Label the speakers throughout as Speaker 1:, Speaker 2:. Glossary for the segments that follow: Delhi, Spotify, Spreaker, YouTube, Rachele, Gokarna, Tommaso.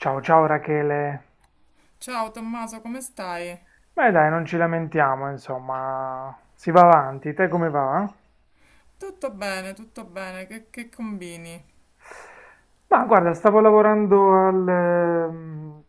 Speaker 1: Ciao ciao Rachele.
Speaker 2: Ciao Tommaso, come stai?
Speaker 1: Beh dai, non ci lamentiamo, insomma, si va avanti. Te come va?
Speaker 2: Tutto bene, che combini?
Speaker 1: Ma guarda, stavo lavorando al,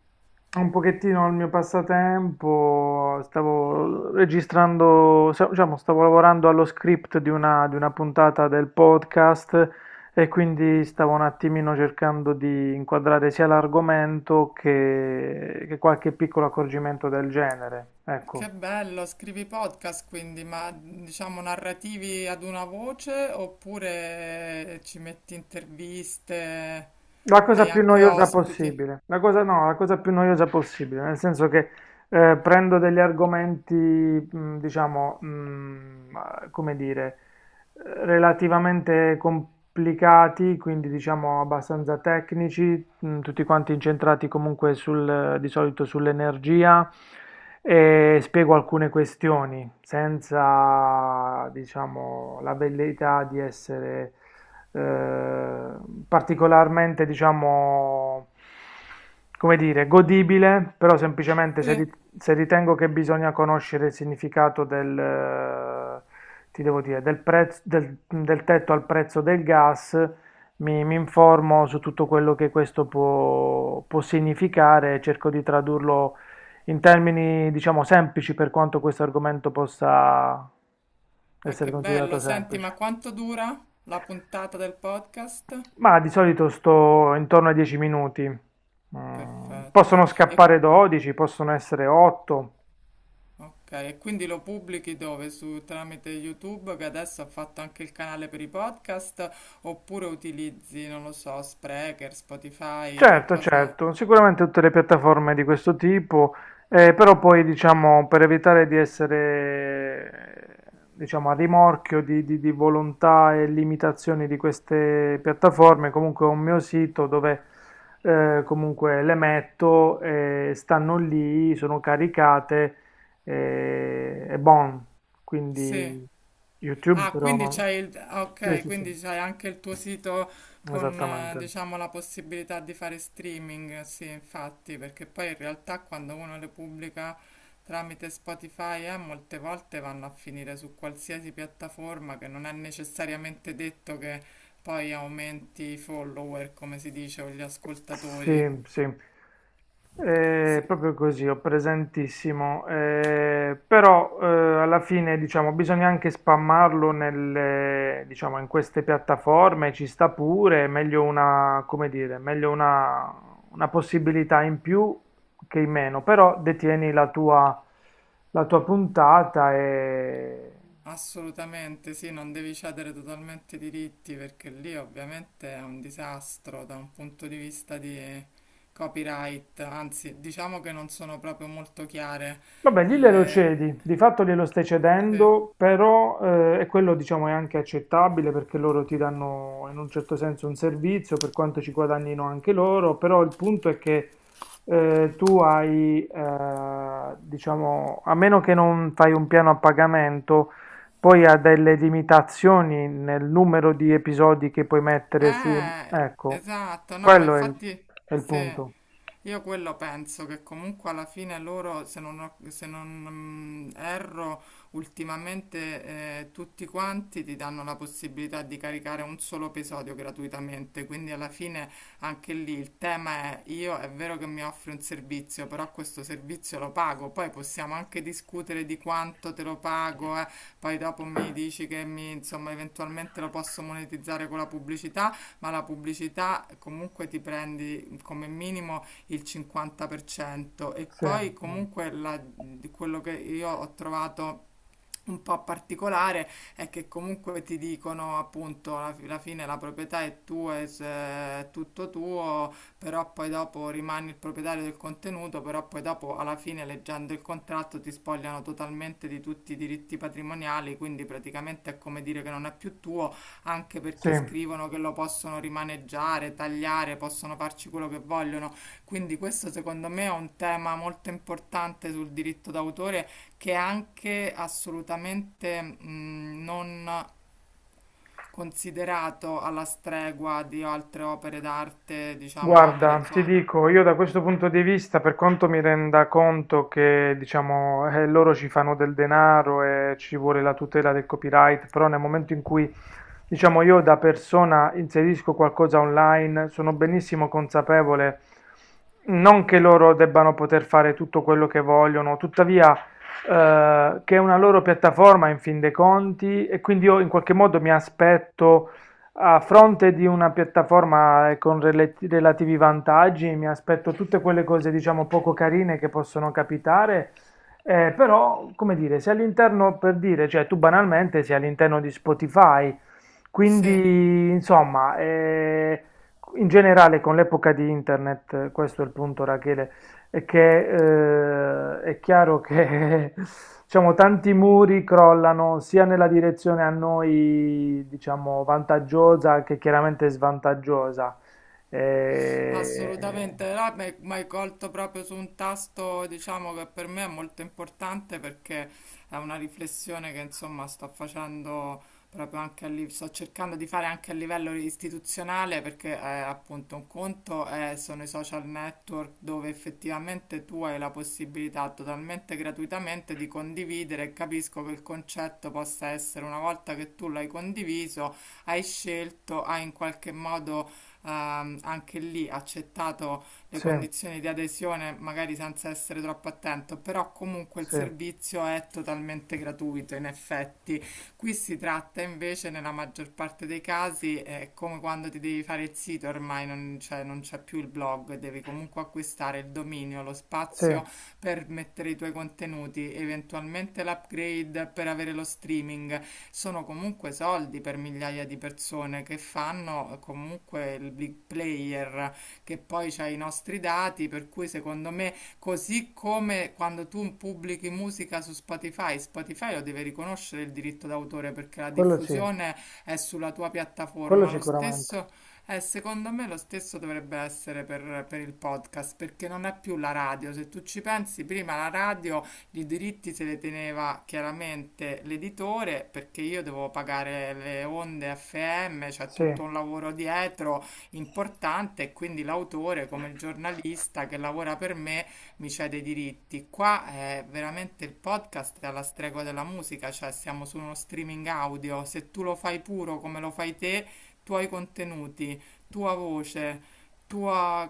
Speaker 1: un pochettino al mio passatempo, stavo registrando, diciamo, stavo lavorando allo script di una puntata del podcast e quindi stavo un attimino cercando di inquadrare sia l'argomento che qualche piccolo accorgimento del genere. Ecco.
Speaker 2: Che bello, scrivi podcast quindi, ma diciamo narrativi ad una voce oppure ci metti interviste,
Speaker 1: La cosa
Speaker 2: hai
Speaker 1: più
Speaker 2: anche
Speaker 1: noiosa
Speaker 2: ospiti?
Speaker 1: possibile, la cosa, no, la cosa più noiosa possibile, nel senso che prendo degli argomenti, diciamo, come dire, relativamente complicati, quindi diciamo abbastanza tecnici, tutti quanti incentrati comunque sul, di solito sull'energia e spiego alcune questioni senza, diciamo, la velleità di essere eh, particolarmente, diciamo, come dire, godibile, però semplicemente
Speaker 2: Sì,
Speaker 1: se ritengo che bisogna conoscere il significato del, ti devo dire, del prezzo, del tetto al prezzo del gas mi informo su tutto quello che questo può significare e cerco di tradurlo in termini, diciamo, semplici per quanto questo argomento possa
Speaker 2: ah,
Speaker 1: essere
Speaker 2: che
Speaker 1: considerato
Speaker 2: bello, senti, ma
Speaker 1: semplice.
Speaker 2: quanto dura la puntata del podcast?
Speaker 1: Ma di solito sto intorno ai 10 minuti. Mm, possono
Speaker 2: Perfetto. E
Speaker 1: scappare 12, possono essere 8.
Speaker 2: ok, e quindi lo pubblichi dove? Su, tramite YouTube, che adesso ha fatto anche il canale per i podcast, oppure utilizzi, non lo so, Spreaker, Spotify, che
Speaker 1: Certo,
Speaker 2: cosa?
Speaker 1: certo, sicuramente tutte le piattaforme di questo tipo, però poi diciamo per evitare di essere diciamo, a rimorchio di volontà e limitazioni di queste piattaforme, comunque ho un mio sito dove comunque le metto, stanno lì, sono caricate e bon,
Speaker 2: Sì.
Speaker 1: quindi YouTube
Speaker 2: Ah,
Speaker 1: però
Speaker 2: quindi
Speaker 1: no.
Speaker 2: c'hai il... ah,
Speaker 1: Sì,
Speaker 2: ok,
Speaker 1: sì, sì,
Speaker 2: quindi c'hai anche il tuo sito con,
Speaker 1: esattamente.
Speaker 2: diciamo, la possibilità di fare streaming, sì, infatti, perché poi in realtà quando uno le pubblica tramite Spotify, molte volte vanno a finire su qualsiasi piattaforma che non è necessariamente detto che poi aumenti i follower, come si dice, o gli ascoltatori.
Speaker 1: Sì, sì,
Speaker 2: Sì,
Speaker 1: eh, proprio così, ho presentissimo. Però alla fine diciamo bisogna anche spammarlo nelle, diciamo, in queste piattaforme, ci sta pure, è meglio una, come dire, meglio una possibilità in più che in meno, però detieni la tua puntata e
Speaker 2: assolutamente sì, non devi cedere totalmente i diritti perché lì ovviamente è un disastro da un punto di vista di copyright, anzi diciamo che non sono proprio molto chiare
Speaker 1: vabbè, lì glielo
Speaker 2: le...
Speaker 1: cedi, di fatto glielo stai
Speaker 2: sì.
Speaker 1: cedendo, però e quello diciamo è anche accettabile perché loro ti danno in un certo senso un servizio per quanto ci guadagnino anche loro, però il punto è che tu hai, diciamo, a meno che non fai un piano a pagamento, poi ha delle limitazioni nel numero di episodi che puoi mettere su,
Speaker 2: Eh,
Speaker 1: ecco,
Speaker 2: esatto, no, ma
Speaker 1: quello è il,
Speaker 2: infatti
Speaker 1: è il
Speaker 2: sì,
Speaker 1: punto.
Speaker 2: io quello penso che comunque alla fine loro, se non erro, ultimamente tutti quanti ti danno la possibilità di caricare un solo episodio gratuitamente, quindi alla fine anche lì il tema è io è vero che mi offri un servizio, però questo servizio lo pago, poi possiamo anche discutere di quanto te lo pago, poi dopo mi dici che mi, insomma, eventualmente lo posso monetizzare con la pubblicità, ma la pubblicità comunque ti prendi come minimo il 50% e
Speaker 1: Sì,
Speaker 2: poi
Speaker 1: sì.
Speaker 2: comunque la- quello che io ho trovato un po' particolare è che comunque ti dicono appunto alla fine la proprietà è tua, è tutto tuo, però poi dopo rimani il proprietario del contenuto, però poi dopo alla fine leggendo il contratto ti spogliano totalmente di tutti i diritti patrimoniali, quindi praticamente è come dire che non è più tuo, anche
Speaker 1: Sì.
Speaker 2: perché scrivono che lo possono rimaneggiare, tagliare, possono farci quello che vogliono. Quindi questo secondo me è un tema molto importante sul diritto d'autore che è anche assolutamente non considerato alla stregua di altre opere d'arte, diciamo opere,
Speaker 1: Guarda,
Speaker 2: cioè,
Speaker 1: ti dico, io da questo punto di vista, per quanto mi renda conto che, diciamo, loro ci fanno del denaro e ci vuole la tutela del copyright, però nel momento in cui, diciamo, io da persona inserisco qualcosa online, sono benissimo consapevole, non che loro debbano poter fare tutto quello che vogliono, tuttavia, che è una loro piattaforma in fin dei conti e quindi io in qualche modo mi aspetto a fronte di una piattaforma con relativi vantaggi, mi aspetto tutte quelle cose, diciamo, poco carine che possono capitare, però, come dire, se all'interno, per dire, cioè tu banalmente sei all'interno di Spotify,
Speaker 2: sì.
Speaker 1: quindi, insomma, in generale con l'epoca di internet, questo è il punto, Rachele, è che è chiaro che diciamo, tanti muri crollano sia nella direzione a noi diciamo, vantaggiosa che chiaramente svantaggiosa. Eh,
Speaker 2: Assolutamente, là mi hai colto proprio su un tasto, diciamo che per me è molto importante perché è una riflessione che insomma sto facendo proprio anche a livello, sto cercando di fare anche a livello istituzionale perché appunto sono i social network dove effettivamente tu hai la possibilità totalmente gratuitamente di condividere e capisco che il concetto possa essere una volta che tu l'hai condiviso, hai scelto, hai in qualche modo anche lì accettato le
Speaker 1: sì,
Speaker 2: condizioni di adesione, magari senza essere troppo attento, però comunque il
Speaker 1: sì,
Speaker 2: servizio è totalmente gratuito in effetti. Qui si tratta invece nella maggior parte dei casi, è come quando ti devi fare il sito, ormai non c'è più il blog, devi comunque acquistare il dominio, lo
Speaker 1: sì,
Speaker 2: spazio per mettere i tuoi contenuti, eventualmente l'upgrade per avere lo streaming sono comunque soldi per migliaia di persone che fanno comunque il big player, che poi c'ha i nostri dati, per cui secondo me, così come quando tu pubblichi musica su Spotify, Spotify lo deve riconoscere il diritto d'autore perché la
Speaker 1: sì,
Speaker 2: diffusione è sulla tua
Speaker 1: quello
Speaker 2: piattaforma, lo
Speaker 1: sicuramente.
Speaker 2: stesso... secondo me lo stesso dovrebbe essere per il podcast, perché non è più la radio. Se tu ci pensi, prima la radio i diritti se le teneva chiaramente l'editore perché io devo pagare le onde FM, c'è
Speaker 1: Sì,
Speaker 2: tutto un lavoro dietro importante e quindi l'autore come il giornalista che lavora per me mi cede i diritti. Qua è veramente il podcast è alla stregua della musica, cioè siamo su uno streaming audio, se tu lo fai puro come lo fai te, tuoi contenuti, tua voce, tua,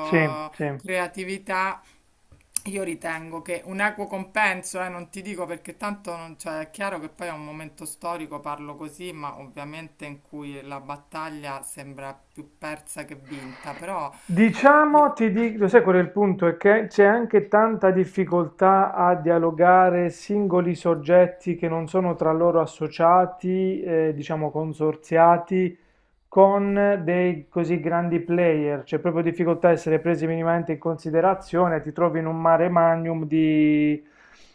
Speaker 1: sì, sì.
Speaker 2: creatività, io ritengo che un equo compenso, non ti dico perché tanto non, cioè, è chiaro che poi è un momento storico, parlo così, ma ovviamente in cui la battaglia sembra più persa che vinta, però... io-
Speaker 1: Diciamo, ti dico, sai qual è il punto? È che c'è anche tanta difficoltà a dialogare singoli soggetti che non sono tra loro associati, diciamo consorziati, con dei così grandi player. C'è proprio difficoltà a essere presi minimamente in considerazione, ti trovi in un mare magnum di,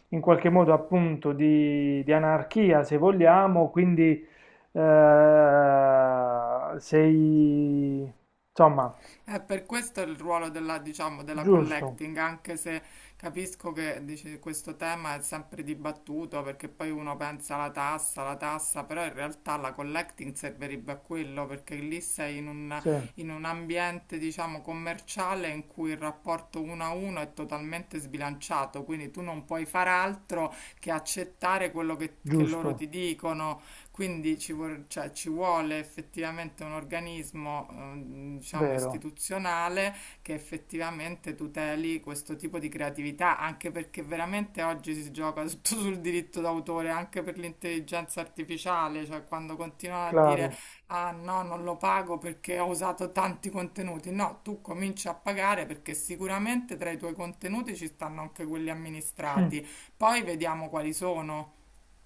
Speaker 1: in qualche modo appunto, di anarchia, se vogliamo, quindi eh, sei, insomma...
Speaker 2: eh, per questo il ruolo della, diciamo, della
Speaker 1: Giusto,
Speaker 2: collecting, anche se capisco che dice, questo tema è sempre dibattuto perché poi uno pensa alla tassa, però in realtà la collecting servirebbe a quello perché lì sei
Speaker 1: sì,
Speaker 2: in un ambiente, diciamo, commerciale in cui il rapporto uno a uno è totalmente sbilanciato, quindi tu non puoi fare altro che accettare quello che loro
Speaker 1: giusto,
Speaker 2: ti dicono, ci vuole effettivamente un organismo, diciamo,
Speaker 1: vero,
Speaker 2: istituzionale che effettivamente tuteli questo tipo di creatività, anche perché veramente oggi si gioca tutto sul diritto d'autore, anche per l'intelligenza artificiale, cioè quando continuano a dire
Speaker 1: claro.
Speaker 2: ah no, non lo pago perché ho usato tanti contenuti. No, tu cominci a pagare perché sicuramente tra i tuoi contenuti ci stanno anche quelli amministrati. Poi vediamo quali sono.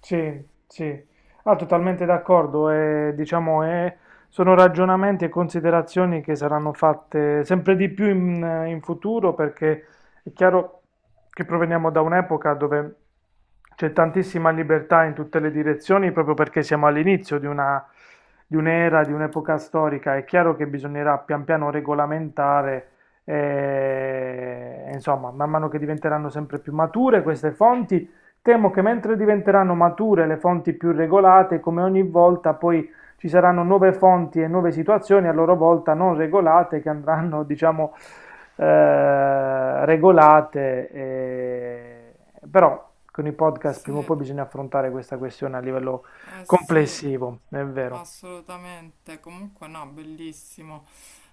Speaker 1: Sì, sì, ah, totalmente d'accordo. E, diciamo, sono ragionamenti e considerazioni che saranno fatte sempre di più in futuro perché è chiaro che proveniamo da un'epoca dove c'è tantissima libertà in tutte le direzioni proprio perché siamo all'inizio di una, di un'era, di un'epoca storica. È chiaro che bisognerà pian piano regolamentare, insomma, man mano che diventeranno sempre più mature queste fonti. Temo che mentre diventeranno mature le fonti più regolate, come ogni volta poi ci saranno nuove fonti e nuove situazioni a loro volta non regolate che andranno, diciamo, regolate. Però con i podcast
Speaker 2: Sì,
Speaker 1: prima o poi bisogna affrontare questa questione a livello
Speaker 2: eh sì.
Speaker 1: complessivo, è vero.
Speaker 2: Assolutamente, comunque no, bellissimo,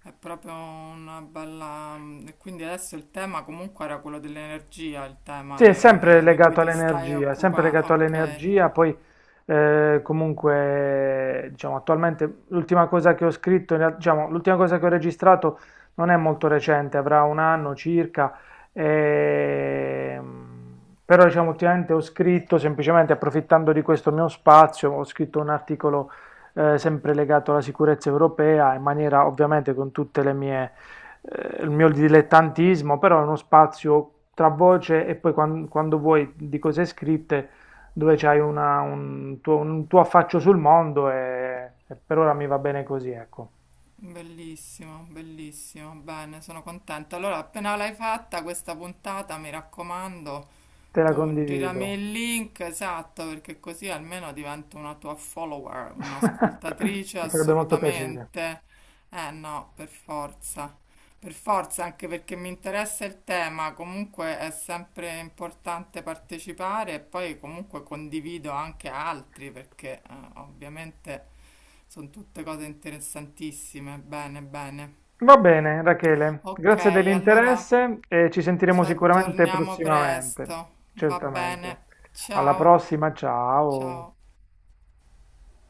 Speaker 2: è proprio una bella... Quindi adesso il tema comunque era quello dell'energia, il tema
Speaker 1: Sì, è sempre
Speaker 2: di cui
Speaker 1: legato
Speaker 2: ti stai
Speaker 1: all'energia, è sempre
Speaker 2: occupando.
Speaker 1: legato
Speaker 2: Ok,
Speaker 1: all'energia, poi comunque diciamo attualmente l'ultima cosa che ho scritto, diciamo l'ultima cosa che ho registrato non è molto recente, avrà un anno circa, ehm, però diciamo ultimamente ho scritto semplicemente approfittando di questo mio spazio, ho scritto un articolo sempre legato alla sicurezza europea in maniera ovviamente con tutte le mie il mio dilettantismo, però è uno spazio tra voce e poi quando, vuoi di cose scritte dove c'hai un tuo affaccio sul mondo e per ora mi va bene così, ecco.
Speaker 2: bellissimo, bellissimo, bene, sono contenta. Allora, appena l'hai fatta questa puntata, mi raccomando,
Speaker 1: Te la
Speaker 2: tu
Speaker 1: condivido.
Speaker 2: girami il link, esatto, perché così almeno divento una tua follower, un'ascoltatrice
Speaker 1: Mi farebbe molto piacere.
Speaker 2: assolutamente. Eh no, per forza. Per forza, anche perché mi interessa il tema, comunque è sempre importante partecipare e poi comunque condivido anche altri perché ovviamente sono tutte cose interessantissime. Bene, bene.
Speaker 1: Va bene, Rachele,
Speaker 2: Ok,
Speaker 1: grazie
Speaker 2: allora
Speaker 1: dell'interesse e ci sentiremo
Speaker 2: ci
Speaker 1: sicuramente
Speaker 2: aggiorniamo
Speaker 1: prossimamente,
Speaker 2: presto. Va
Speaker 1: certamente.
Speaker 2: bene.
Speaker 1: Alla
Speaker 2: Ciao.
Speaker 1: prossima, ciao.
Speaker 2: Ciao.